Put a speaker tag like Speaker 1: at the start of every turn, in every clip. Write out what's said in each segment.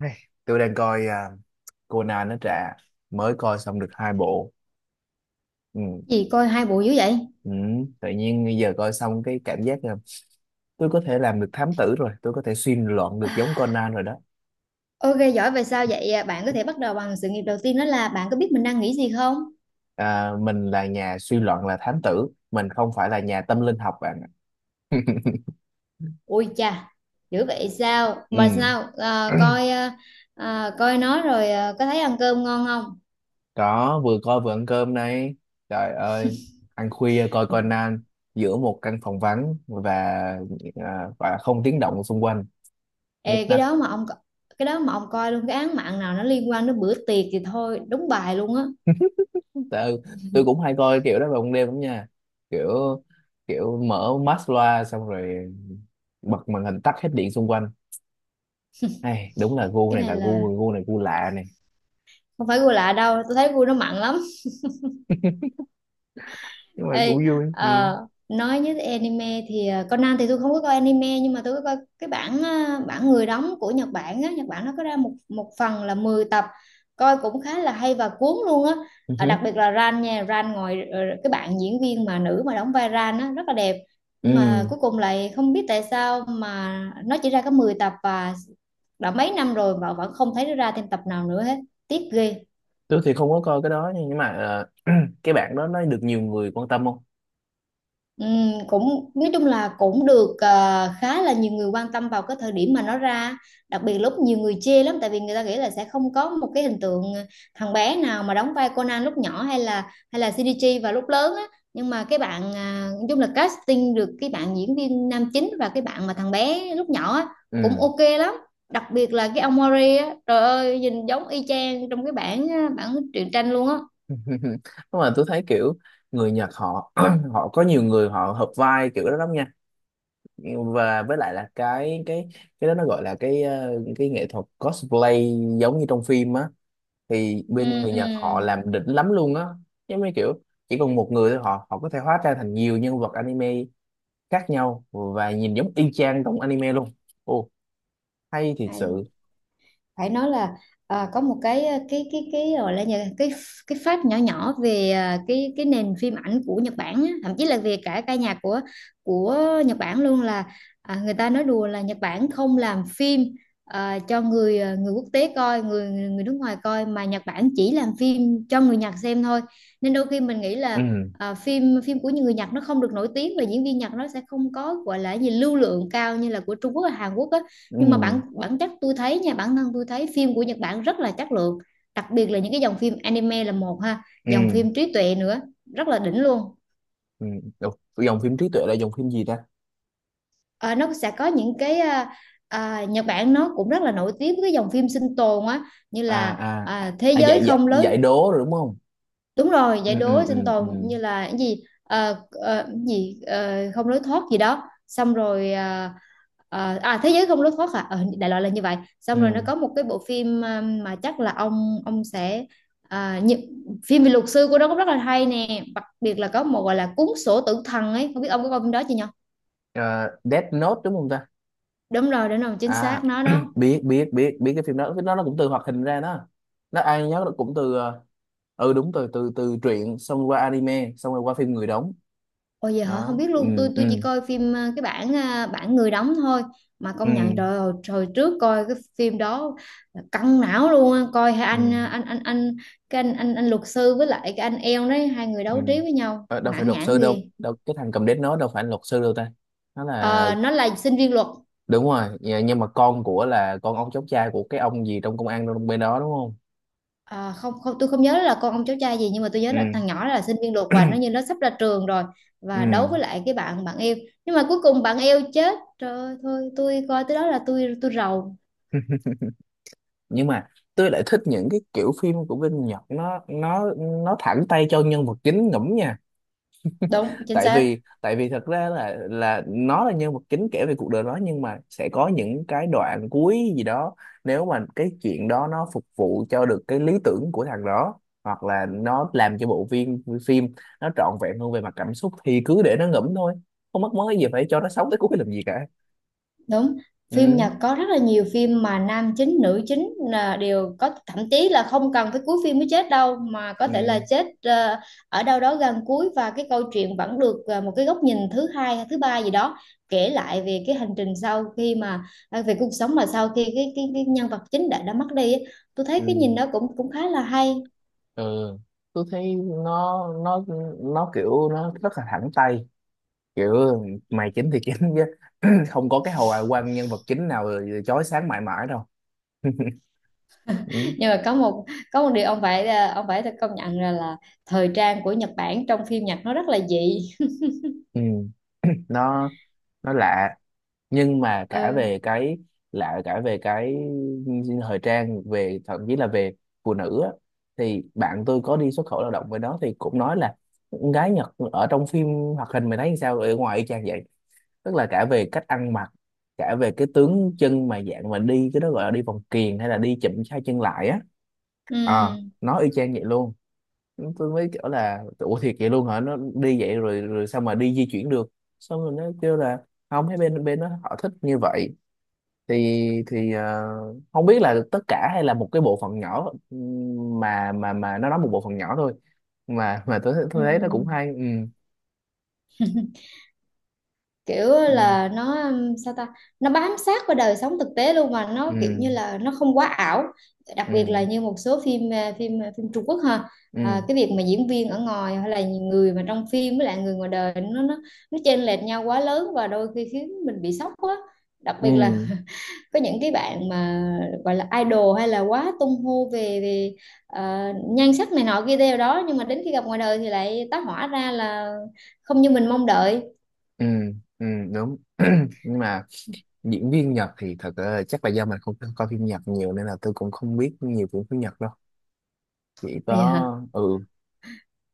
Speaker 1: Hey, tôi đang coi Conan. Nó trả mới coi xong được hai bộ, ừ.
Speaker 2: Gì coi hai bộ dữ vậy?
Speaker 1: Ừ, tự nhiên bây giờ coi xong cái cảm giác là tôi có thể làm được thám tử rồi, tôi có thể suy luận được giống Conan rồi đó.
Speaker 2: Ok giỏi vậy sao vậy? À? Bạn có thể bắt đầu bằng sự nghiệp đầu tiên đó là bạn có biết mình đang nghĩ gì không?
Speaker 1: Mình là nhà suy luận, là thám tử, mình không phải là nhà tâm linh học bạn ạ.
Speaker 2: Ui chà, dữ vậy sao?
Speaker 1: Ừ.
Speaker 2: Mà sao à, coi à, coi nó rồi à, có thấy ăn cơm ngon không?
Speaker 1: Có, vừa coi vừa ăn cơm này. Trời ơi, ăn khuya coi Conan giữa một căn phòng vắng và không tiếng động xung quanh, nhức
Speaker 2: Ê,
Speaker 1: nách.
Speaker 2: cái đó mà ông coi luôn cái án mạng nào nó liên quan đến bữa tiệc thì thôi đúng bài luôn á.
Speaker 1: Tại, tôi cũng hay coi kiểu đó vào ban đêm lắm nha. Kiểu, kiểu mở mắt loa xong rồi bật màn hình, tắt hết điện xung quanh. Hay, đúng là gu
Speaker 2: Cái
Speaker 1: này,
Speaker 2: này
Speaker 1: là
Speaker 2: là
Speaker 1: gu gu này gu lạ này.
Speaker 2: không phải gu lạ đâu, tôi thấy gu nó mặn lắm.
Speaker 1: Nhưng mà cũng
Speaker 2: Ê,
Speaker 1: vui, ừ.
Speaker 2: ờ, nói như anime thì Conan thì tôi không có coi anime, nhưng mà tôi có coi cái bản bản người đóng của Nhật Bản á. Nhật Bản nó có ra một một phần là 10 tập. Coi cũng khá là hay và cuốn luôn á.
Speaker 1: Ừ
Speaker 2: Ờ,
Speaker 1: hứ.
Speaker 2: đặc biệt là Ran nha, Ran cái bạn diễn viên mà nữ mà đóng vai Ran á rất là đẹp. Nhưng mà
Speaker 1: Ừ,
Speaker 2: cuối cùng lại không biết tại sao mà nó chỉ ra có 10 tập và đã mấy năm rồi mà vẫn không thấy nó ra thêm tập nào nữa hết. Tiếc ghê.
Speaker 1: tôi thì không có coi cái đó nha, nhưng mà cái bạn đó nó được nhiều người quan tâm không?
Speaker 2: Cũng nói chung là cũng được, khá là nhiều người quan tâm vào cái thời điểm mà nó ra. Đặc biệt lúc nhiều người chê lắm, tại vì người ta nghĩ là sẽ không có một cái hình tượng thằng bé nào mà đóng vai Conan lúc nhỏ, hay là CDG vào lúc lớn á. Nhưng mà cái bạn à, nói chung là casting được cái bạn diễn viên nam chính và cái bạn mà thằng bé lúc nhỏ á, cũng
Speaker 1: Ừ.
Speaker 2: ok lắm. Đặc biệt là cái ông Mori á, trời ơi nhìn giống y chang trong cái bản bản truyện tranh luôn á.
Speaker 1: Nhưng mà tôi thấy kiểu người Nhật họ họ có nhiều người họ hợp vai kiểu đó lắm nha. Và với lại là cái cái đó nó gọi là cái nghệ thuật cosplay, giống như trong phim á, thì
Speaker 2: Ừ
Speaker 1: bên người Nhật họ làm đỉnh lắm luôn á. Giống như kiểu chỉ còn một người thôi, họ họ có thể hóa ra thành nhiều nhân vật anime khác nhau, và nhìn giống y chang trong anime luôn. Ồ, hay thiệt
Speaker 2: ừ
Speaker 1: sự.
Speaker 2: phải nói là à, có một cái gọi là nhà- cái fact nhỏ nhỏ về à, cái nền phim ảnh của Nhật Bản á, thậm chí là về cả ca nhạc của Nhật Bản luôn là à, người ta nói đùa là Nhật Bản không làm phim cho người người quốc tế coi, người người nước ngoài coi, mà Nhật Bản chỉ làm phim cho người Nhật xem thôi. Nên đôi khi mình nghĩ là
Speaker 1: ừ
Speaker 2: à, phim phim của những người Nhật nó không được nổi tiếng, và diễn viên Nhật nó sẽ không có gọi là gì lưu lượng cao như là của Trung Quốc và Hàn Quốc á.
Speaker 1: ừ
Speaker 2: Nhưng mà bản bản chất tôi thấy nha, bản thân tôi thấy phim của Nhật Bản rất là chất lượng. Đặc biệt là những cái dòng phim anime là một ha, dòng
Speaker 1: ừ
Speaker 2: phim trí tuệ nữa, rất là đỉnh luôn.
Speaker 1: ừ Ủa, dòng phim trí tuệ là dòng phim gì ta?
Speaker 2: Ờ, nó sẽ có những cái Nhật Bản nó cũng rất là nổi tiếng với cái dòng phim sinh tồn á, như
Speaker 1: À
Speaker 2: là
Speaker 1: à,
Speaker 2: thế
Speaker 1: à
Speaker 2: giới
Speaker 1: giải giải
Speaker 2: không lối.
Speaker 1: giải đố rồi đúng không.
Speaker 2: Đúng rồi,
Speaker 1: ừ
Speaker 2: giải
Speaker 1: ừ
Speaker 2: đố sinh
Speaker 1: ừ ừ
Speaker 2: tồn, như là cái gì cái gì không lối thoát gì đó, xong rồi à, thế giới không lối thoát à. Ờ, đại loại là như vậy, xong rồi nó
Speaker 1: ừ
Speaker 2: có một cái bộ phim mà chắc là ông sẽ à, như, phim về luật sư của nó cũng rất là hay nè. Đặc biệt là có một gọi là cuốn sổ tử thần ấy, không biết ông có coi phim đó chưa nhỉ?
Speaker 1: Ờ, Death Note đúng không ta?
Speaker 2: Đúng rồi, đúng rồi, chính
Speaker 1: À,
Speaker 2: xác nó đó.
Speaker 1: biết biết biết biết cái phim đó. Cái đó nó cũng từ hoạt hình ra đó. Nó ai nhớ nó cũng từ ừ, đúng, từ từ từ truyện xong qua anime xong rồi qua phim người đóng.
Speaker 2: Ôi giờ hả, không
Speaker 1: Đó,
Speaker 2: biết
Speaker 1: ừ.
Speaker 2: luôn. tôi
Speaker 1: ừ
Speaker 2: tôi chỉ coi phim bản người đóng thôi. Mà
Speaker 1: ừ
Speaker 2: công nhận trời ơi, hồi trước coi cái phim đó là căng não luôn á. Coi hai anh
Speaker 1: ừ
Speaker 2: cái anh luật sư với lại cái anh eo đấy, hai người
Speaker 1: ừ
Speaker 2: đấu trí với nhau
Speaker 1: Ờ, đâu phải
Speaker 2: mãn
Speaker 1: luật
Speaker 2: nhãn
Speaker 1: sư
Speaker 2: ghê.
Speaker 1: đâu, đâu, cái thằng cầm đét nó đâu phải là luật sư đâu ta. Nó là,
Speaker 2: Ờ, nó là sinh viên luật.
Speaker 1: đúng rồi, dạ, nhưng mà con của là con ông cháu trai của cái ông gì trong công an trong bên đó đúng không.
Speaker 2: Ờ, không, không, tôi không nhớ là con ông cháu trai gì, nhưng mà tôi nhớ
Speaker 1: Ừ.
Speaker 2: là thằng nhỏ là sinh viên luật và nó như nó sắp ra trường rồi.
Speaker 1: Ừ.
Speaker 2: Và đấu với lại cái bạn bạn eo. Nhưng mà cuối cùng bạn eo chết, trời ơi, thôi tôi coi tới đó là tôi rầu.
Speaker 1: Nhưng mà tôi lại thích những cái kiểu phim của Vinh Nhật. Nó thẳng tay cho nhân vật chính ngẫm nha.
Speaker 2: Đúng chính
Speaker 1: tại
Speaker 2: xác
Speaker 1: vì tại vì thật ra là, nó là nhân vật chính kể về cuộc đời nó, nhưng mà sẽ có những cái đoạn cuối gì đó, nếu mà cái chuyện đó nó phục vụ cho được cái lý tưởng của thằng đó, hoặc là nó làm cho bộ phim phim nó trọn vẹn hơn về mặt cảm xúc, thì cứ để nó ngẫm thôi, không mất mớ gì phải cho nó sống tới cuối làm gì cả.
Speaker 2: đúng. Phim
Speaker 1: ừ
Speaker 2: Nhật có rất là nhiều phim mà nam chính nữ chính là đều có, thậm chí là không cần phải cuối phim mới chết đâu, mà có thể là
Speaker 1: ừ
Speaker 2: chết ở đâu đó gần cuối, và cái câu chuyện vẫn được một cái góc nhìn thứ hai hay thứ ba gì đó kể lại về cái hành trình sau khi mà à, về cuộc sống mà sau khi cái nhân vật chính đã mất đi ấy. Tôi thấy
Speaker 1: ừ
Speaker 2: cái nhìn đó cũng cũng khá là hay.
Speaker 1: ừ Tôi thấy nó kiểu nó rất là thẳng tay. Kiểu mày chính thì chính chứ. Không có cái hồi quan nhân vật chính nào chói sáng mãi mãi đâu. Ừ.
Speaker 2: Nhưng mà có một điều ông phải ông phải công nhận là, thời trang của Nhật Bản trong phim Nhật nó rất là dị.
Speaker 1: Ừ, nó nó lạ. Nhưng mà cả
Speaker 2: Ừ.
Speaker 1: về cái lạ, cả về cái thời trang, về thậm chí là về phụ nữ á, thì bạn tôi có đi xuất khẩu lao động với nó thì cũng nói là con gái Nhật ở trong phim hoạt hình mày thấy sao ở ngoài y chang vậy. Tức là cả về cách ăn mặc, cả về cái tướng chân mà dạng mà đi, cái đó gọi là đi vòng kiềng hay là đi chụm hai chân lại á.
Speaker 2: Ừ.
Speaker 1: Ờ, nó y chang vậy luôn. Tôi mới kiểu là ủa thiệt vậy luôn hả, nó đi vậy rồi rồi sao mà đi di chuyển được. Xong rồi nó kêu là không, thấy bên bên nó họ thích như vậy. Thì thì ờ, không biết là tất cả hay là một cái bộ phận nhỏ, mà mà nó nói một bộ phận nhỏ thôi. Mà tôi
Speaker 2: Ừ.
Speaker 1: tôi thấy nó cũng hay, ừ.
Speaker 2: Kiểu
Speaker 1: ừ
Speaker 2: là nó sao ta, nó bám sát vào đời sống thực tế luôn mà nó kiểu
Speaker 1: ừ
Speaker 2: như là nó không quá ảo. Đặc biệt
Speaker 1: ừ
Speaker 2: là như một số phim phim Trung Quốc ha. À,
Speaker 1: ừ
Speaker 2: cái việc mà diễn viên ở ngoài hay là người mà trong phim với lại người ngoài đời nó chênh lệch nhau quá lớn, và đôi khi khiến mình bị sốc quá. Đặc
Speaker 1: ừ
Speaker 2: biệt là có những cái bạn mà gọi là idol hay là quá tung hô về về ờ, nhan sắc này nọ kia theo đó, nhưng mà đến khi gặp ngoài đời thì lại tá hỏa ra là không như mình mong đợi.
Speaker 1: ừ Ừ, đúng. Nhưng mà diễn viên Nhật thì thật, chắc là do mình không coi phim Nhật nhiều nên là tôi cũng không biết nhiều phim phim Nhật đâu. Chỉ có
Speaker 2: Vậy.
Speaker 1: ừ,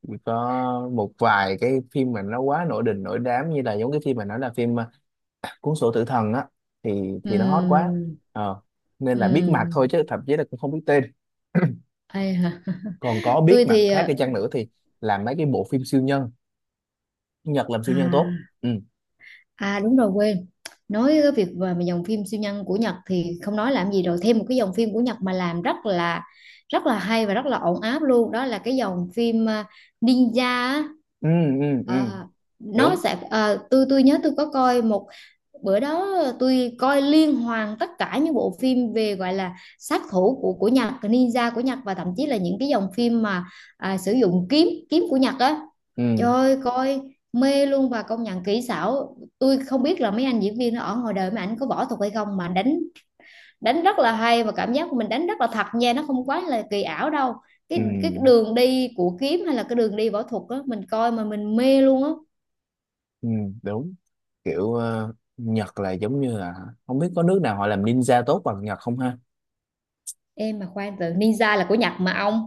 Speaker 1: chỉ có một vài cái phim mà nó quá nổi đình nổi đám, như là giống cái phim mà nói là cuốn sổ tử thần á, thì nó hot quá.
Speaker 2: Ừm,
Speaker 1: ờ Nên là biết mặt thôi,
Speaker 2: ừm,
Speaker 1: chứ thậm chí là cũng không biết tên.
Speaker 2: ai hả?
Speaker 1: Còn có biết
Speaker 2: Tôi
Speaker 1: mặt
Speaker 2: thì
Speaker 1: khác đi chăng nữa thì làm mấy cái bộ phim siêu nhân. Nhật làm siêu nhân tốt.
Speaker 2: à
Speaker 1: Ừ.
Speaker 2: đúng rồi quên. Nói cái việc về mà dòng phim siêu nhân của Nhật thì không nói làm gì rồi, thêm một cái dòng phim của Nhật mà làm rất là hay và rất là ổn áp luôn, đó là cái dòng phim Ninja á.
Speaker 1: ừ ừ.
Speaker 2: Ờ, nó
Speaker 1: Đúng.
Speaker 2: sẽ ờ, tôi nhớ tôi có coi một bữa đó tôi coi liên hoàn tất cả những bộ phim về gọi là sát thủ của Nhật, ninja của Nhật, và thậm chí là những cái dòng phim mà sử dụng kiếm kiếm của Nhật á. Trời
Speaker 1: ừ
Speaker 2: ơi, coi mê luôn, và công nhận kỹ xảo, tôi không biết là mấy anh diễn viên ở ngoài đời mà ảnh có võ thuật hay không mà đánh đánh rất là hay, và cảm giác của mình đánh rất là thật nha, nó không quá là kỳ ảo đâu. cái
Speaker 1: ừ
Speaker 2: cái đường đi của kiếm hay là cái đường đi võ thuật á, mình coi mà mình mê luôn á.
Speaker 1: ừ Đúng. Kiểu Nhật là giống như là không biết có nước nào họ làm ninja tốt bằng Nhật không ha.
Speaker 2: Em mà khoan, từ ninja là của Nhật mà ông.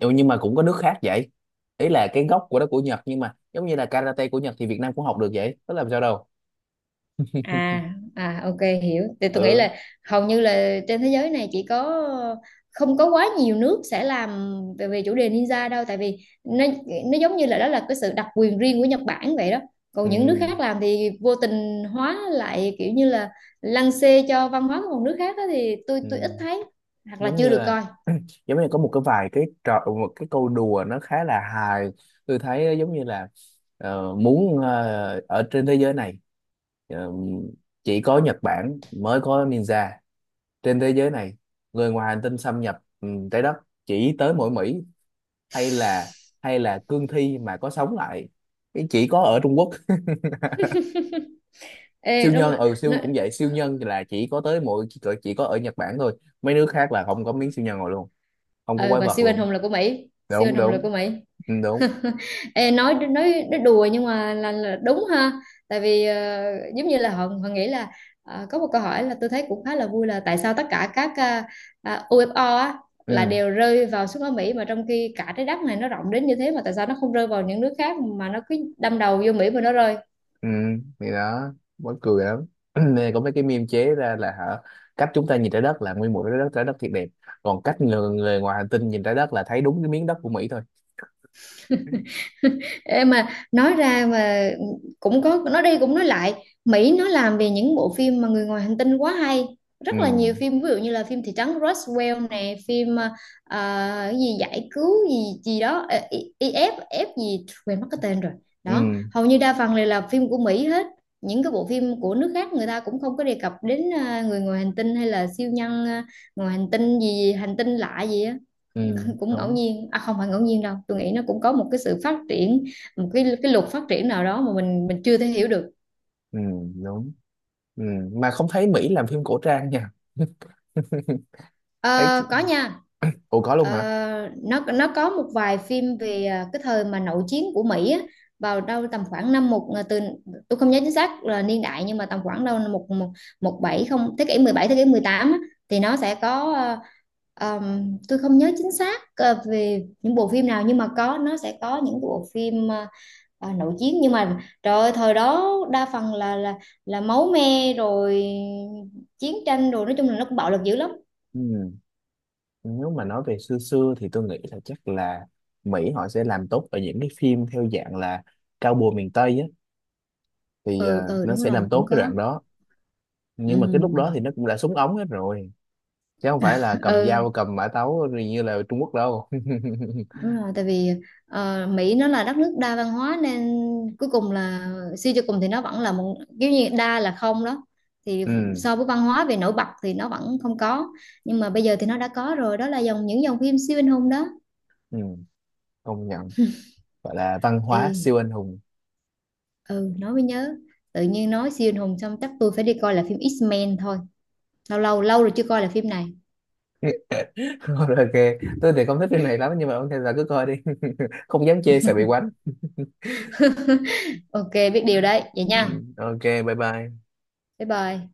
Speaker 1: Ừ, nhưng mà cũng có nước khác vậy. Ý là cái gốc của đó của Nhật, nhưng mà giống như là karate của Nhật thì Việt Nam cũng học được vậy, có làm sao đâu.
Speaker 2: À, ok hiểu. Thì tôi nghĩ
Speaker 1: Ừ.
Speaker 2: là hầu như là trên thế giới này chỉ có, không có quá nhiều nước sẽ làm về chủ đề ninja đâu. Tại vì nó nó giống như là đó là cái sự đặc quyền riêng của Nhật Bản vậy đó. Còn những nước
Speaker 1: ừ
Speaker 2: khác làm thì vô tình hóa lại kiểu như là lăng xê cho văn hóa của một nước khác đó, thì tôi ít
Speaker 1: ừ.
Speaker 2: thấy, hoặc là
Speaker 1: Giống
Speaker 2: chưa
Speaker 1: như
Speaker 2: được
Speaker 1: là,
Speaker 2: coi.
Speaker 1: giống như có một cái vài cái trò, một cái câu đùa nó khá là hài. Tôi thấy nó giống như là ở trên thế giới này, ờ, chỉ có Nhật Bản mới có ninja. Trên thế giới này người ngoài hành tinh xâm nhập trái đất chỉ tới mỗi Mỹ. Hay là, hay là cương thi mà có sống lại cái chỉ có ở Trung Quốc.
Speaker 2: Ê
Speaker 1: Siêu
Speaker 2: đúng
Speaker 1: nhân,
Speaker 2: rồi.
Speaker 1: ừ,
Speaker 2: Nó,
Speaker 1: siêu cũng vậy, siêu nhân là chỉ có tới mỗi chỉ có ở Nhật Bản thôi. Mấy nước khác là không có miếng siêu nhân rồi luôn, không có
Speaker 2: ờ,
Speaker 1: quái
Speaker 2: và
Speaker 1: vật
Speaker 2: siêu anh
Speaker 1: luôn.
Speaker 2: hùng là của Mỹ, siêu anh
Speaker 1: Đúng,
Speaker 2: hùng là
Speaker 1: đúng.
Speaker 2: của Mỹ.
Speaker 1: Ừ, đúng.
Speaker 2: Ê, nói đùa nhưng mà là đúng ha. Tại vì giống như là họ họ nghĩ là có một câu hỏi là tôi thấy cũng khá là vui là tại sao tất cả các UFO á là
Speaker 1: Ừ.
Speaker 2: đều rơi vào xuống ở Mỹ, mà trong khi cả trái đất này nó rộng đến như thế mà tại sao nó không rơi vào những nước khác mà nó cứ đâm đầu vô Mỹ mà nó rơi.
Speaker 1: ừ thì đó, mắc cười lắm. Nên có mấy cái meme chế ra là hả, cách chúng ta nhìn trái đất là nguyên một trái đất, trái đất thiệt đẹp, còn cách người, người ngoài hành tinh nhìn trái đất là thấy đúng cái miếng đất của Mỹ thôi.
Speaker 2: Ê mà nói ra mà cũng có nói đi cũng nói lại, Mỹ nó làm về những bộ phim mà người ngoài hành tinh quá hay,
Speaker 1: ừ
Speaker 2: rất là nhiều phim, ví dụ như là phim thị trấn Roswell nè, phim cái gì giải cứu gì gì đó IF F gì quên mất cái tên rồi. Đó,
Speaker 1: ừ
Speaker 2: hầu như đa phần đều là phim của Mỹ hết. Những cái bộ phim của nước khác người ta cũng không có đề cập đến người ngoài hành tinh hay là siêu nhân, ngoài hành tinh gì, hành tinh lạ gì á.
Speaker 1: ừ
Speaker 2: Cũng ngẫu
Speaker 1: Đúng.
Speaker 2: nhiên à, không phải ngẫu nhiên đâu, tôi nghĩ nó cũng có một cái sự phát triển, một cái luật phát triển nào đó mà mình chưa thể hiểu được.
Speaker 1: Ừ, đúng. Ừ, mà không thấy Mỹ làm phim cổ trang nha. Thấy,
Speaker 2: Ờ, có nha.
Speaker 1: ủa có luôn
Speaker 2: Ờ,
Speaker 1: hả?
Speaker 2: nó có một vài phim về cái thời mà nội chiến của Mỹ á, vào đâu tầm khoảng năm một à, từ tôi không nhớ chính xác là niên đại, nhưng mà tầm khoảng đâu năm một một một bảy không, thế kỷ 17, thế kỷ 18 á. Thì nó sẽ có tôi không nhớ chính xác về những bộ phim nào, nhưng mà có, nó sẽ có những bộ phim à nổi tiếng, nhưng mà trời ơi, thời đó đa phần là máu me rồi, chiến tranh rồi, nói chung là nó cũng bạo lực dữ lắm.
Speaker 1: Ừ. Nếu mà nói về xưa xưa thì tôi nghĩ là chắc là Mỹ họ sẽ làm tốt ở những cái phim theo dạng là cao bùa miền Tây á, thì
Speaker 2: Ừ. Ừ
Speaker 1: nó
Speaker 2: đúng
Speaker 1: sẽ
Speaker 2: rồi
Speaker 1: làm
Speaker 2: cũng
Speaker 1: tốt cái
Speaker 2: có.
Speaker 1: đoạn đó. Nhưng mà cái lúc đó
Speaker 2: Ừ.
Speaker 1: thì nó cũng đã súng ống hết rồi, chứ không phải là cầm
Speaker 2: Ừ
Speaker 1: dao cầm mã tấu rồi như là Trung Quốc đâu.
Speaker 2: đúng rồi. Tại vì Mỹ nó là đất nước đa văn hóa, nên cuối cùng là, suy cho cùng thì nó vẫn là một kiểu như đa là không đó, thì
Speaker 1: Ừ.
Speaker 2: so với văn hóa về nổi bật thì nó vẫn không có. Nhưng mà bây giờ thì nó đã có rồi, đó là dòng những dòng phim siêu anh hùng đó.
Speaker 1: Ừ, công nhận. Gọi là văn
Speaker 2: Ừ.
Speaker 1: hóa siêu anh hùng.
Speaker 2: Ừ nói mới nhớ, tự nhiên nói siêu anh hùng xong chắc tôi phải đi coi lại phim X-Men thôi, lâu lâu lâu rồi chưa coi lại phim này.
Speaker 1: Ok. Tôi thì không thích phim này lắm, nhưng mà ok là cứ coi đi. Không dám chê, sợ bị quánh.
Speaker 2: Ok biết điều đấy vậy
Speaker 1: Ừ,
Speaker 2: nha.
Speaker 1: ok, bye bye.
Speaker 2: Bye bye.